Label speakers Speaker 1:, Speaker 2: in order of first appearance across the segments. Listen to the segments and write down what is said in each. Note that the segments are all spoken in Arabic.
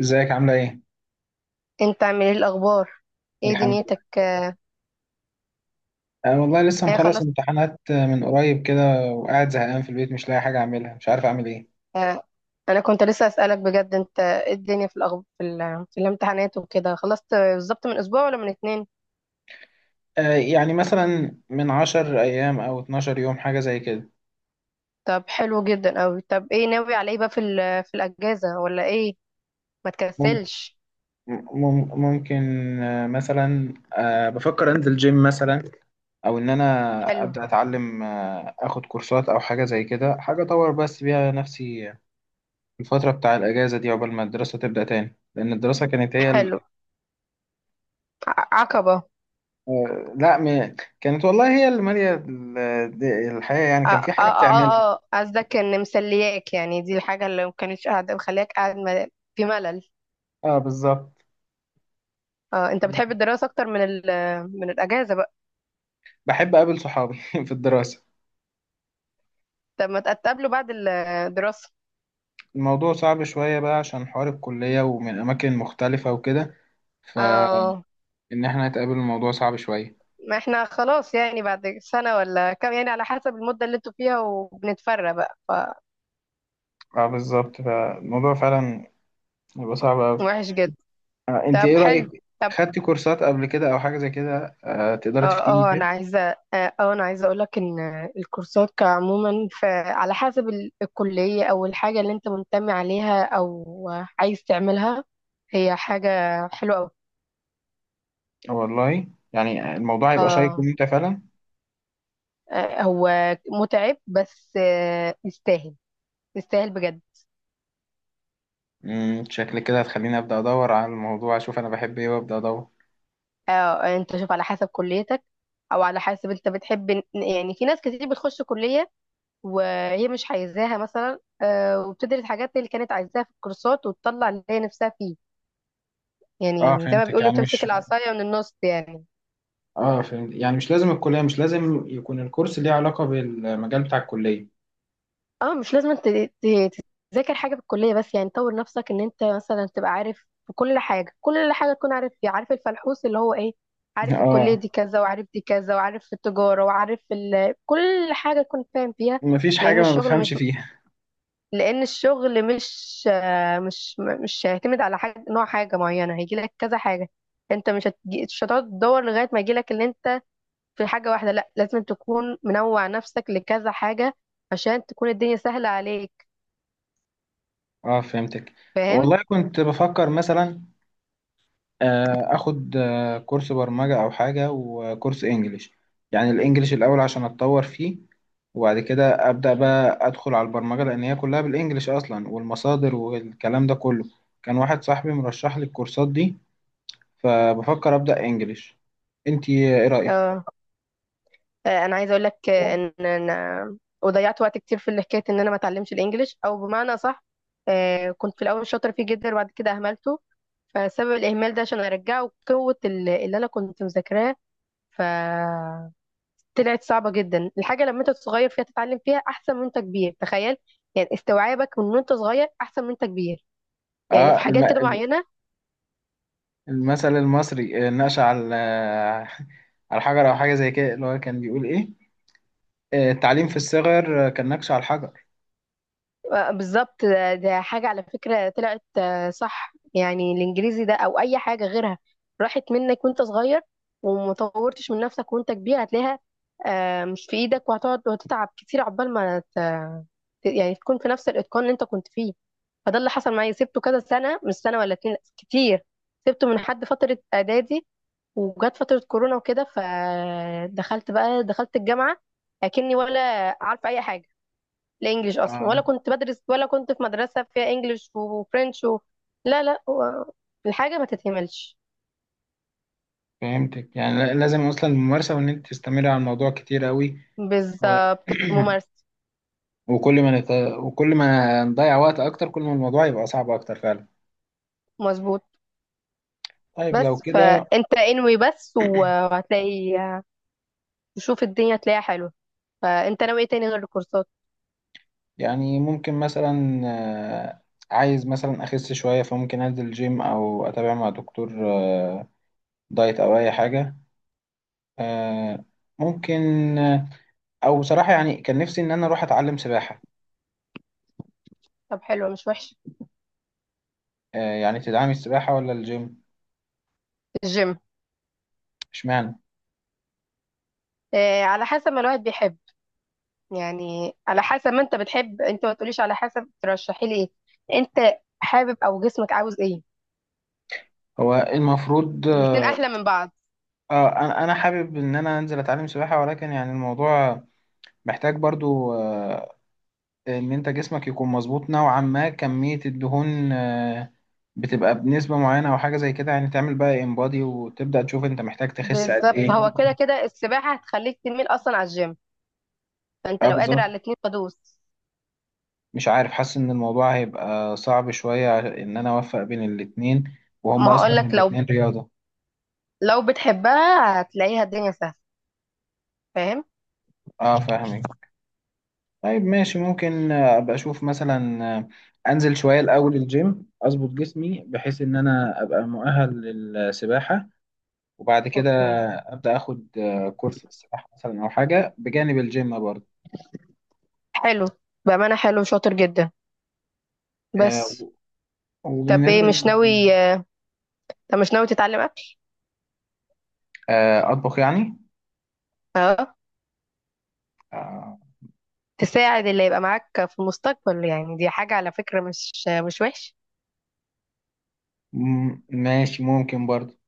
Speaker 1: ازيك عاملة ايه؟
Speaker 2: انت عامل ايه الاخبار؟ ايه
Speaker 1: الحمد
Speaker 2: دنيتك؟
Speaker 1: لله.
Speaker 2: آه.
Speaker 1: انا والله لسه
Speaker 2: ايه
Speaker 1: مخلص
Speaker 2: خلاص.
Speaker 1: امتحانات من قريب كده، وقاعد زهقان في البيت مش لاقي حاجة اعملها، مش عارف اعمل ايه.
Speaker 2: آه، انا كنت لسه اسالك بجد، انت ايه الدنيا في الأخب... في, ال... في الامتحانات وكده، خلصت بالظبط من اسبوع ولا من اتنين؟
Speaker 1: يعني مثلا من 10 ايام او 12 يوم، حاجة زي كده.
Speaker 2: طب حلو جدا اوي. طب ايه ناوي على ايه بقى في الاجازه ولا ايه؟ ما
Speaker 1: مم-
Speaker 2: تكسلش.
Speaker 1: ممكن. مثلا بفكر انزل جيم مثلا، او ان انا
Speaker 2: حلو.
Speaker 1: ابدأ اتعلم، اخد كورسات او حاجة زي كده، حاجة اطور بس بيها نفسي الفترة بتاع الاجازة دي عقبال ما الدراسة تبدأ تاني، لان الدراسة كانت هي
Speaker 2: حلو. عقبه.
Speaker 1: لا كانت والله هي اللي مالية الحياة، يعني
Speaker 2: اه
Speaker 1: كان في
Speaker 2: اه
Speaker 1: حاجة بتعملها.
Speaker 2: اه اه آه. قصدك ان مسلياك، يعني دي الحاجه اللي ما كانتش قاعده مخلياك قاعد في ملل.
Speaker 1: اه بالظبط.
Speaker 2: اه انت بتحب الدراسه اكتر من الاجازه بقى؟
Speaker 1: بحب أقابل صحابي في الدراسة.
Speaker 2: طب ما تقابله بعد الدراسه.
Speaker 1: الموضوع صعب شوية بقى، عشان حوار الكلية ومن أماكن مختلفة وكده. فإن
Speaker 2: اه،
Speaker 1: احنا نتقابل، الموضوع صعب شوية.
Speaker 2: ما احنا خلاص يعني بعد سنة ولا كام، يعني على حسب المدة اللي انتوا فيها وبنتفرق بقى.
Speaker 1: اه بالظبط، فالموضوع فعلا بيبقى صعب أوي.
Speaker 2: فوحش جدا.
Speaker 1: أنت إيه
Speaker 2: طب حلو.
Speaker 1: رأيك؟
Speaker 2: طب
Speaker 1: خدتي كورسات قبل كده أو حاجة زي كده؟ تقدري
Speaker 2: اه.
Speaker 1: تفتيني
Speaker 2: اه
Speaker 1: فيها؟
Speaker 2: انا عايزة اه، انا عايزة اقولك ان الكورسات كعموما، على حسب الكلية او الحاجة اللي انت منتمي عليها او عايز تعملها، هي حاجة حلوة اوي.
Speaker 1: والله يعني الموضوع هيبقى شيق
Speaker 2: اه
Speaker 1: وممتع فعلا.
Speaker 2: آه، هو متعب بس يستاهل، يستاهل بجد.
Speaker 1: شكل كده هتخليني ابدا ادور على الموضوع، اشوف انا بحب ايه، وابدا ادور.
Speaker 2: اه انت شوف على حسب كليتك او على حسب انت بتحب يعني في ناس كتير بتخش كلية وهي مش عايزاها مثلا، وبتدرس حاجات اللي كانت عايزاها في الكورسات وتطلع اللي هي نفسها فيه.
Speaker 1: اه
Speaker 2: يعني زي ما
Speaker 1: فهمتك
Speaker 2: بيقولوا،
Speaker 1: يعني
Speaker 2: تمسك
Speaker 1: مش
Speaker 2: العصاية من النص يعني.
Speaker 1: اه فهمت، يعني مش لازم الكليه، مش لازم يكون الكورس ليه علاقه بالمجال بتاع الكليه.
Speaker 2: اه مش لازم انت تذاكر حاجة في الكلية بس، يعني طور نفسك ان انت مثلا تبقى عارف في كل حاجة، كل حاجة تكون عارف فيها، عارف الفلحوص اللي هو ايه، عارف الكلية
Speaker 1: اه،
Speaker 2: دي كذا وعارف دي كذا وعارف التجارة وعارف كل حاجة تكون فاهم فيها.
Speaker 1: مفيش حاجه
Speaker 2: لأن
Speaker 1: ما
Speaker 2: الشغل مش
Speaker 1: بفهمش فيها.
Speaker 2: لان الشغل مش آه، مش م- مش هيعتمد على حاجه، نوع حاجه معينه، هيجي لك كذا حاجه. انت مش هتجي، مش هتقعد تدور لغايه ما يجي لك اللي انت في حاجه واحده، لا، لازم تكون منوع نفسك لكذا حاجه عشان تكون الدنيا سهله عليك.
Speaker 1: اه فهمتك.
Speaker 2: فاهم؟
Speaker 1: والله كنت بفكر مثلا اخد كورس برمجه او حاجه، وكورس انجليش. يعني الانجليش الاول عشان اتطور فيه، وبعد كده أبدأ بقى أدخل على البرمجة، لأن هي كلها بالإنجليش أصلا، والمصادر والكلام ده كله. كان واحد صاحبي مرشح لي الكورسات دي، فبفكر أبدأ إنجليش. أنتي إيه رأيك؟
Speaker 2: اه انا عايزه اقول لك ان انا وضيعت وقت كتير في حكايه ان انا ما اتعلمش الانجليش، او بمعنى صح، كنت في الاول شاطره فيه جدا وبعد كده اهملته. فسبب الاهمال ده، عشان ارجعه قوه اللي انا كنت مذاكراه، ف طلعت صعبة جدا. الحاجة لما انت صغير فيها تتعلم فيها احسن من انت كبير، تخيل. يعني استوعابك من وانت صغير احسن من انت كبير، يعني
Speaker 1: آه
Speaker 2: في
Speaker 1: الم...
Speaker 2: حاجات كده
Speaker 1: الم-
Speaker 2: معينة.
Speaker 1: المثل المصري نقش على على حجر أو حاجة زي كده، اللي هو كان بيقول إيه؟ التعليم في الصغر كان نقش على الحجر.
Speaker 2: بالظبط. ده ده حاجة على فكرة طلعت صح، يعني الإنجليزي ده أو أي حاجة غيرها راحت منك وأنت صغير ومطورتش من نفسك وأنت كبير، هتلاقيها مش في إيدك وهتقعد وتتعب كتير عقبال ما يعني تكون في نفس الإتقان اللي أنت كنت فيه. فده اللي حصل معايا، سبته كذا سنة، مش سنة ولا اتنين، لأ، كتير. سبته من حد فترة إعدادي وجت فترة كورونا وكده، فدخلت بقى، دخلت الجامعة أكني ولا عارفة أي حاجة، الانجليش اصلا،
Speaker 1: آه
Speaker 2: ولا كنت بدرس، ولا كنت في مدرسه فيها انجليش وفرنش لا لا، هو الحاجه ما تتهملش
Speaker 1: فهمتك، يعني لازم أصلا الممارسة، وإن أنت تستمري على الموضوع كتير أوي. و...
Speaker 2: بالممارسه.
Speaker 1: وكل ما نت... وكل ما نضيع وقت اكتر، كل ما الموضوع يبقى صعب اكتر فعلا.
Speaker 2: مظبوط.
Speaker 1: طيب لو
Speaker 2: بس
Speaker 1: كده،
Speaker 2: فانت انوي بس وهتلاقي، تشوف الدنيا تلاقيها حلوه. فانت ناوي ايه تاني غير الكورسات؟
Speaker 1: يعني ممكن مثلا عايز مثلا اخس شوية، فممكن انزل جيم او اتابع مع دكتور دايت، او اي حاجة. آه، ممكن. آه، او بصراحة يعني كان نفسي ان انا اروح اتعلم سباحة.
Speaker 2: طب حلوه، مش وحشه.
Speaker 1: يعني تدعمي السباحة ولا الجيم؟
Speaker 2: الجيم.
Speaker 1: اشمعنى؟
Speaker 2: آه على حسب ما الواحد بيحب، يعني على حسب ما انت بتحب، انت ما تقوليش على حسب ترشحي لي ايه، انت حابب او جسمك عاوز ايه.
Speaker 1: هو المفروض
Speaker 2: الاتنين احلى من بعض.
Speaker 1: انا حابب ان انا انزل اتعلم سباحة، ولكن يعني الموضوع محتاج برضو ان انت جسمك يكون مظبوط نوعا ما، كمية الدهون بتبقى بنسبة معينة او حاجة زي كده، يعني تعمل بقى انبادي وتبدأ تشوف انت محتاج تخس قد
Speaker 2: بالظبط، هو
Speaker 1: ايه.
Speaker 2: كده كده السباحة هتخليك تميل أصلا على الجيم. فأنت
Speaker 1: اه
Speaker 2: لو قادر
Speaker 1: بالظبط.
Speaker 2: على الاتنين فدوس.
Speaker 1: مش عارف، حاسس ان الموضوع هيبقى صعب شوية ان انا اوفق بين الاتنين، وهم
Speaker 2: ما
Speaker 1: اصلا
Speaker 2: هقولك، لو
Speaker 1: الاتنين رياضة.
Speaker 2: لو بتحبها هتلاقيها الدنيا سهلة. فاهم؟
Speaker 1: اه فاهمك. طيب ماشي، ممكن ابقى اشوف مثلا انزل شوية الاول الجيم اظبط جسمي بحيث ان انا ابقى مؤهل للسباحة، وبعد كده
Speaker 2: اوكي.
Speaker 1: ابدا اخد كورس في السباحه مثلا او حاجه بجانب الجيم برضه.
Speaker 2: حلو، بأمانة حلو، شاطر جدا.
Speaker 1: آه،
Speaker 2: بس طب ايه،
Speaker 1: وبالنسبه
Speaker 2: مش
Speaker 1: لل-
Speaker 2: ناوي طب مش ناوي تتعلم أكل؟
Speaker 1: اطبخ يعني؟
Speaker 2: اه،
Speaker 1: آه،
Speaker 2: تساعد اللي يبقى معاك في المستقبل، يعني دي حاجة على فكرة مش مش وحش.
Speaker 1: ماشي، ممكن برضه.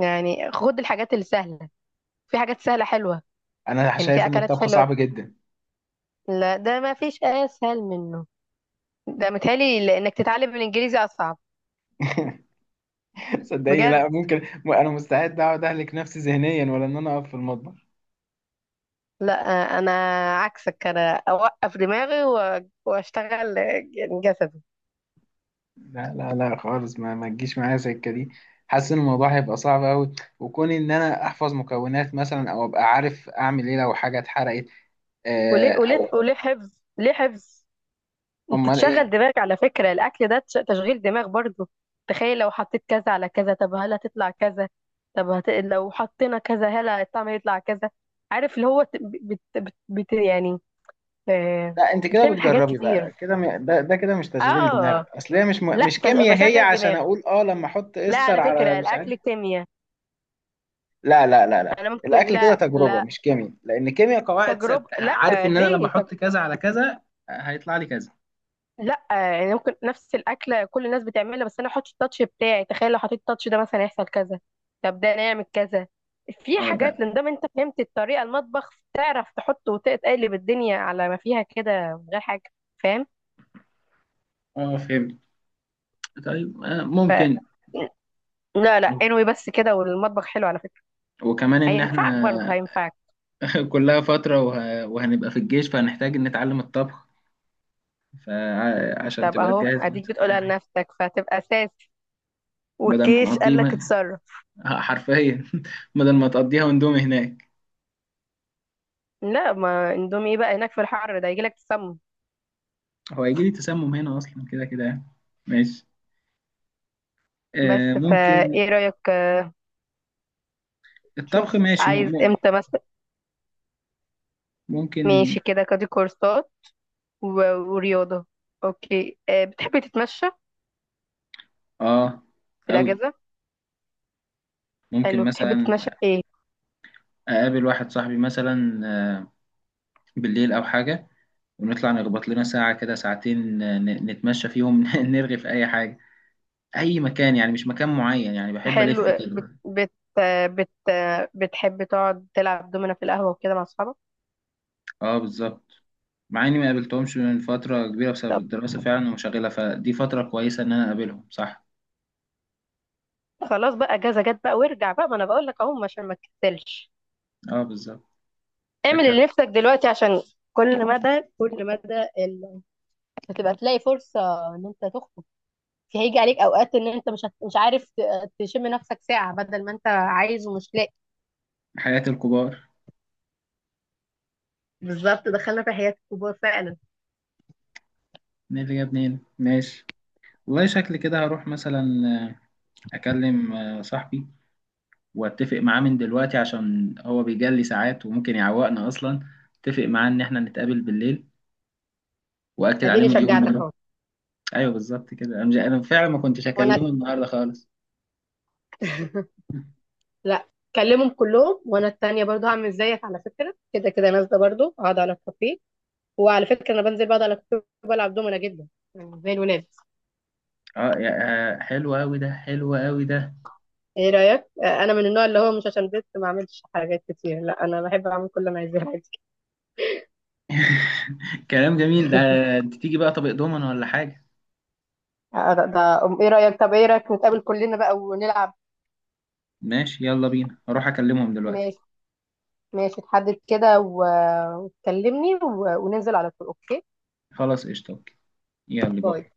Speaker 2: يعني خد الحاجات اللي سهلة، في حاجات سهلة حلوة،
Speaker 1: انا
Speaker 2: يعني
Speaker 1: شايف
Speaker 2: في
Speaker 1: ان
Speaker 2: أكلات
Speaker 1: الطبخ
Speaker 2: حلوة.
Speaker 1: صعب جدا.
Speaker 2: لا ده ما فيش أسهل منه، ده متهيألي إنك تتعلم الإنجليزي أصعب.
Speaker 1: صدقيني،
Speaker 2: بجد.
Speaker 1: لا ممكن. انا مستعد اقعد اهلك نفسي ذهنيا ولا ان انا اقف في المطبخ.
Speaker 2: لا، انا عكسك، انا اوقف دماغي واشتغل يعني جسدي.
Speaker 1: لا لا لا خالص، ما تجيش معايا سكه دي. حاسس ان الموضوع هيبقى صعب قوي، وكون ان انا احفظ مكونات مثلا، او ابقى عارف اعمل ايه لو حاجه اتحرقت
Speaker 2: وليه
Speaker 1: او
Speaker 2: وليه وليه حفظ، ليه حفظ؟ انت
Speaker 1: امال
Speaker 2: تشغل
Speaker 1: ايه.
Speaker 2: دماغك على فكرة، الاكل ده تشغيل دماغ برضو. تخيل لو حطيت كذا على كذا، طب هل هتطلع كذا؟ طب لو حطينا كذا، هل الطعم هيطلع كذا؟ عارف اللي هو يعني آه،
Speaker 1: لا انت كده
Speaker 2: بتعمل حاجات
Speaker 1: بتجربي
Speaker 2: كتير.
Speaker 1: بقى كده ده كده مش تشغيل دماغ،
Speaker 2: اه
Speaker 1: اصل هي
Speaker 2: لا
Speaker 1: مش كيمياء، هي
Speaker 2: بشغل
Speaker 1: عشان
Speaker 2: دماغي.
Speaker 1: اقول لما احط
Speaker 2: لا،
Speaker 1: استر
Speaker 2: على
Speaker 1: على
Speaker 2: فكرة
Speaker 1: مش عارف.
Speaker 2: الاكل كيمياء.
Speaker 1: لا لا لا لا،
Speaker 2: انا ممكن،
Speaker 1: الاكل كده
Speaker 2: لا
Speaker 1: تجربه
Speaker 2: لا،
Speaker 1: مش كيمياء، لان كيمياء قواعد
Speaker 2: تجربة،
Speaker 1: ثابته،
Speaker 2: لا،
Speaker 1: عارف ان انا لما
Speaker 2: ليه
Speaker 1: احط كذا على كذا هيطلع لي كذا.
Speaker 2: لا يعني ممكن نفس الأكلة كل الناس بتعملها، بس أنا أحط التاتش بتاعي. تخيل لو حطيت التاتش ده مثلا، يحصل كذا، طب ده نعمل كذا. في
Speaker 1: اه ده.
Speaker 2: حاجات، لان دام أنت فهمت الطريقة، المطبخ تعرف تحط وتقلب الدنيا على ما فيها كده من غير حاجة. فاهم؟
Speaker 1: اه فهمت. طيب ممكن.
Speaker 2: لا لا، انوي بس كده، والمطبخ حلو على فكرة،
Speaker 1: وكمان ان
Speaker 2: هينفعك
Speaker 1: احنا
Speaker 2: برضه هينفعك.
Speaker 1: كلها فتره وهنبقى في الجيش، فهنحتاج نتعلم الطبخ، فعشان
Speaker 2: طب
Speaker 1: تبقى
Speaker 2: اهو
Speaker 1: تجهز
Speaker 2: اديك
Speaker 1: نفسك أي
Speaker 2: بتقولها
Speaker 1: حاجة.
Speaker 2: لنفسك فهتبقى اساسي،
Speaker 1: بدل ما
Speaker 2: والجيش قال
Speaker 1: نقضيه
Speaker 2: لك اتصرف.
Speaker 1: حرفيا. بدل ما تقضيها وندومي هناك.
Speaker 2: لا ما اندومي ايه بقى هناك في الحر ده، يجي لك تسمم.
Speaker 1: هو هيجي لي تسمم هنا اصلا كده كده يعني. ماشي
Speaker 2: بس
Speaker 1: ممكن.
Speaker 2: فايه رأيك؟
Speaker 1: الطبخ
Speaker 2: شوف
Speaker 1: ماشي،
Speaker 2: عايز امتى مثلا.
Speaker 1: ممكن.
Speaker 2: ماشي كده كادي كورسات ورياضة. اوكي بتحبي تتمشى
Speaker 1: اه
Speaker 2: في
Speaker 1: قوي.
Speaker 2: الأجازة؟
Speaker 1: ممكن
Speaker 2: حلو، بتحبي
Speaker 1: مثلا
Speaker 2: تتمشى في ايه؟
Speaker 1: اقابل واحد صاحبي مثلا بالليل او حاجه، ونطلع نخبط لنا ساعه كده ساعتين، نتمشى فيهم. نرغي في اي حاجه، اي مكان يعني مش مكان معين، يعني بحب
Speaker 2: حلو
Speaker 1: الف
Speaker 2: آه، بت
Speaker 1: كده.
Speaker 2: بت آه، بت آه، بتحبي تقعد تلعب دومنا في القهوة وكده مع أصحابك؟
Speaker 1: اه بالظبط، مع اني ما قابلتهمش من فتره كبيره بسبب
Speaker 2: طب
Speaker 1: الدراسه فعلا ومشغله، فدي فتره كويسه ان انا اقابلهم، صح.
Speaker 2: خلاص بقى، أجازة جت بقى، وارجع بقى، ما أنا بقول لك أهو عشان ما تكسلش.
Speaker 1: اه بالظبط.
Speaker 2: اعمل
Speaker 1: شكلك.
Speaker 2: اللي نفسك دلوقتي عشان كل مدى كل مدى ال... هتبقى تلاقي فرصة إن أنت تخرج. هيجي عليك أوقات إن أنت مش عارف تشم نفسك ساعة، بدل ما أنت عايز ومش لاقي.
Speaker 1: حياة الكبار.
Speaker 2: بالظبط، دخلنا في حياة الكبار فعلا.
Speaker 1: مين اللي جابني هنا؟ ماشي. والله شكلي كده هروح مثلا آه، أكلم صاحبي، وأتفق معاه من دلوقتي عشان هو بيجلي ساعات وممكن يعوقنا أصلا، أتفق معاه إن إحنا نتقابل بالليل، وأكد عليه
Speaker 2: اديني
Speaker 1: مليون
Speaker 2: شجعتك
Speaker 1: مرة.
Speaker 2: اهو.
Speaker 1: أيوه بالظبط كده، أنا أنا فعلا ما كنتش
Speaker 2: وانا
Speaker 1: أكلمه النهاردة خالص.
Speaker 2: لا. كلمهم كلهم، وانا التانية برضو هعمل زيك، على فكرة كده كده نازلة برضو اقعد على الكافيه. وعلى فكرة انا بنزل بقعد على الكافيه وبلعب دومنا جدا، يعني زي الولاد.
Speaker 1: اه حلو أوي ده، حلو أوي ده.
Speaker 2: ايه رأيك؟ انا من النوع اللي هو مش عشان بنت ما اعملش حاجات كتير، لا انا بحب اعمل كل اللي انا عايزاه عادي.
Speaker 1: كلام جميل ده. أنت تيجي بقى طبق دومنا ولا حاجة؟
Speaker 2: ايه رأيك، طب ايه رأيك نتقابل كلنا بقى ونلعب؟
Speaker 1: ماشي يلا بينا، هروح أكلمهم دلوقتي.
Speaker 2: ماشي. ماشي تحدد كده وتكلمني وننزل على طول، اوكي؟
Speaker 1: خلاص قشطة. يلا
Speaker 2: باي.
Speaker 1: باي.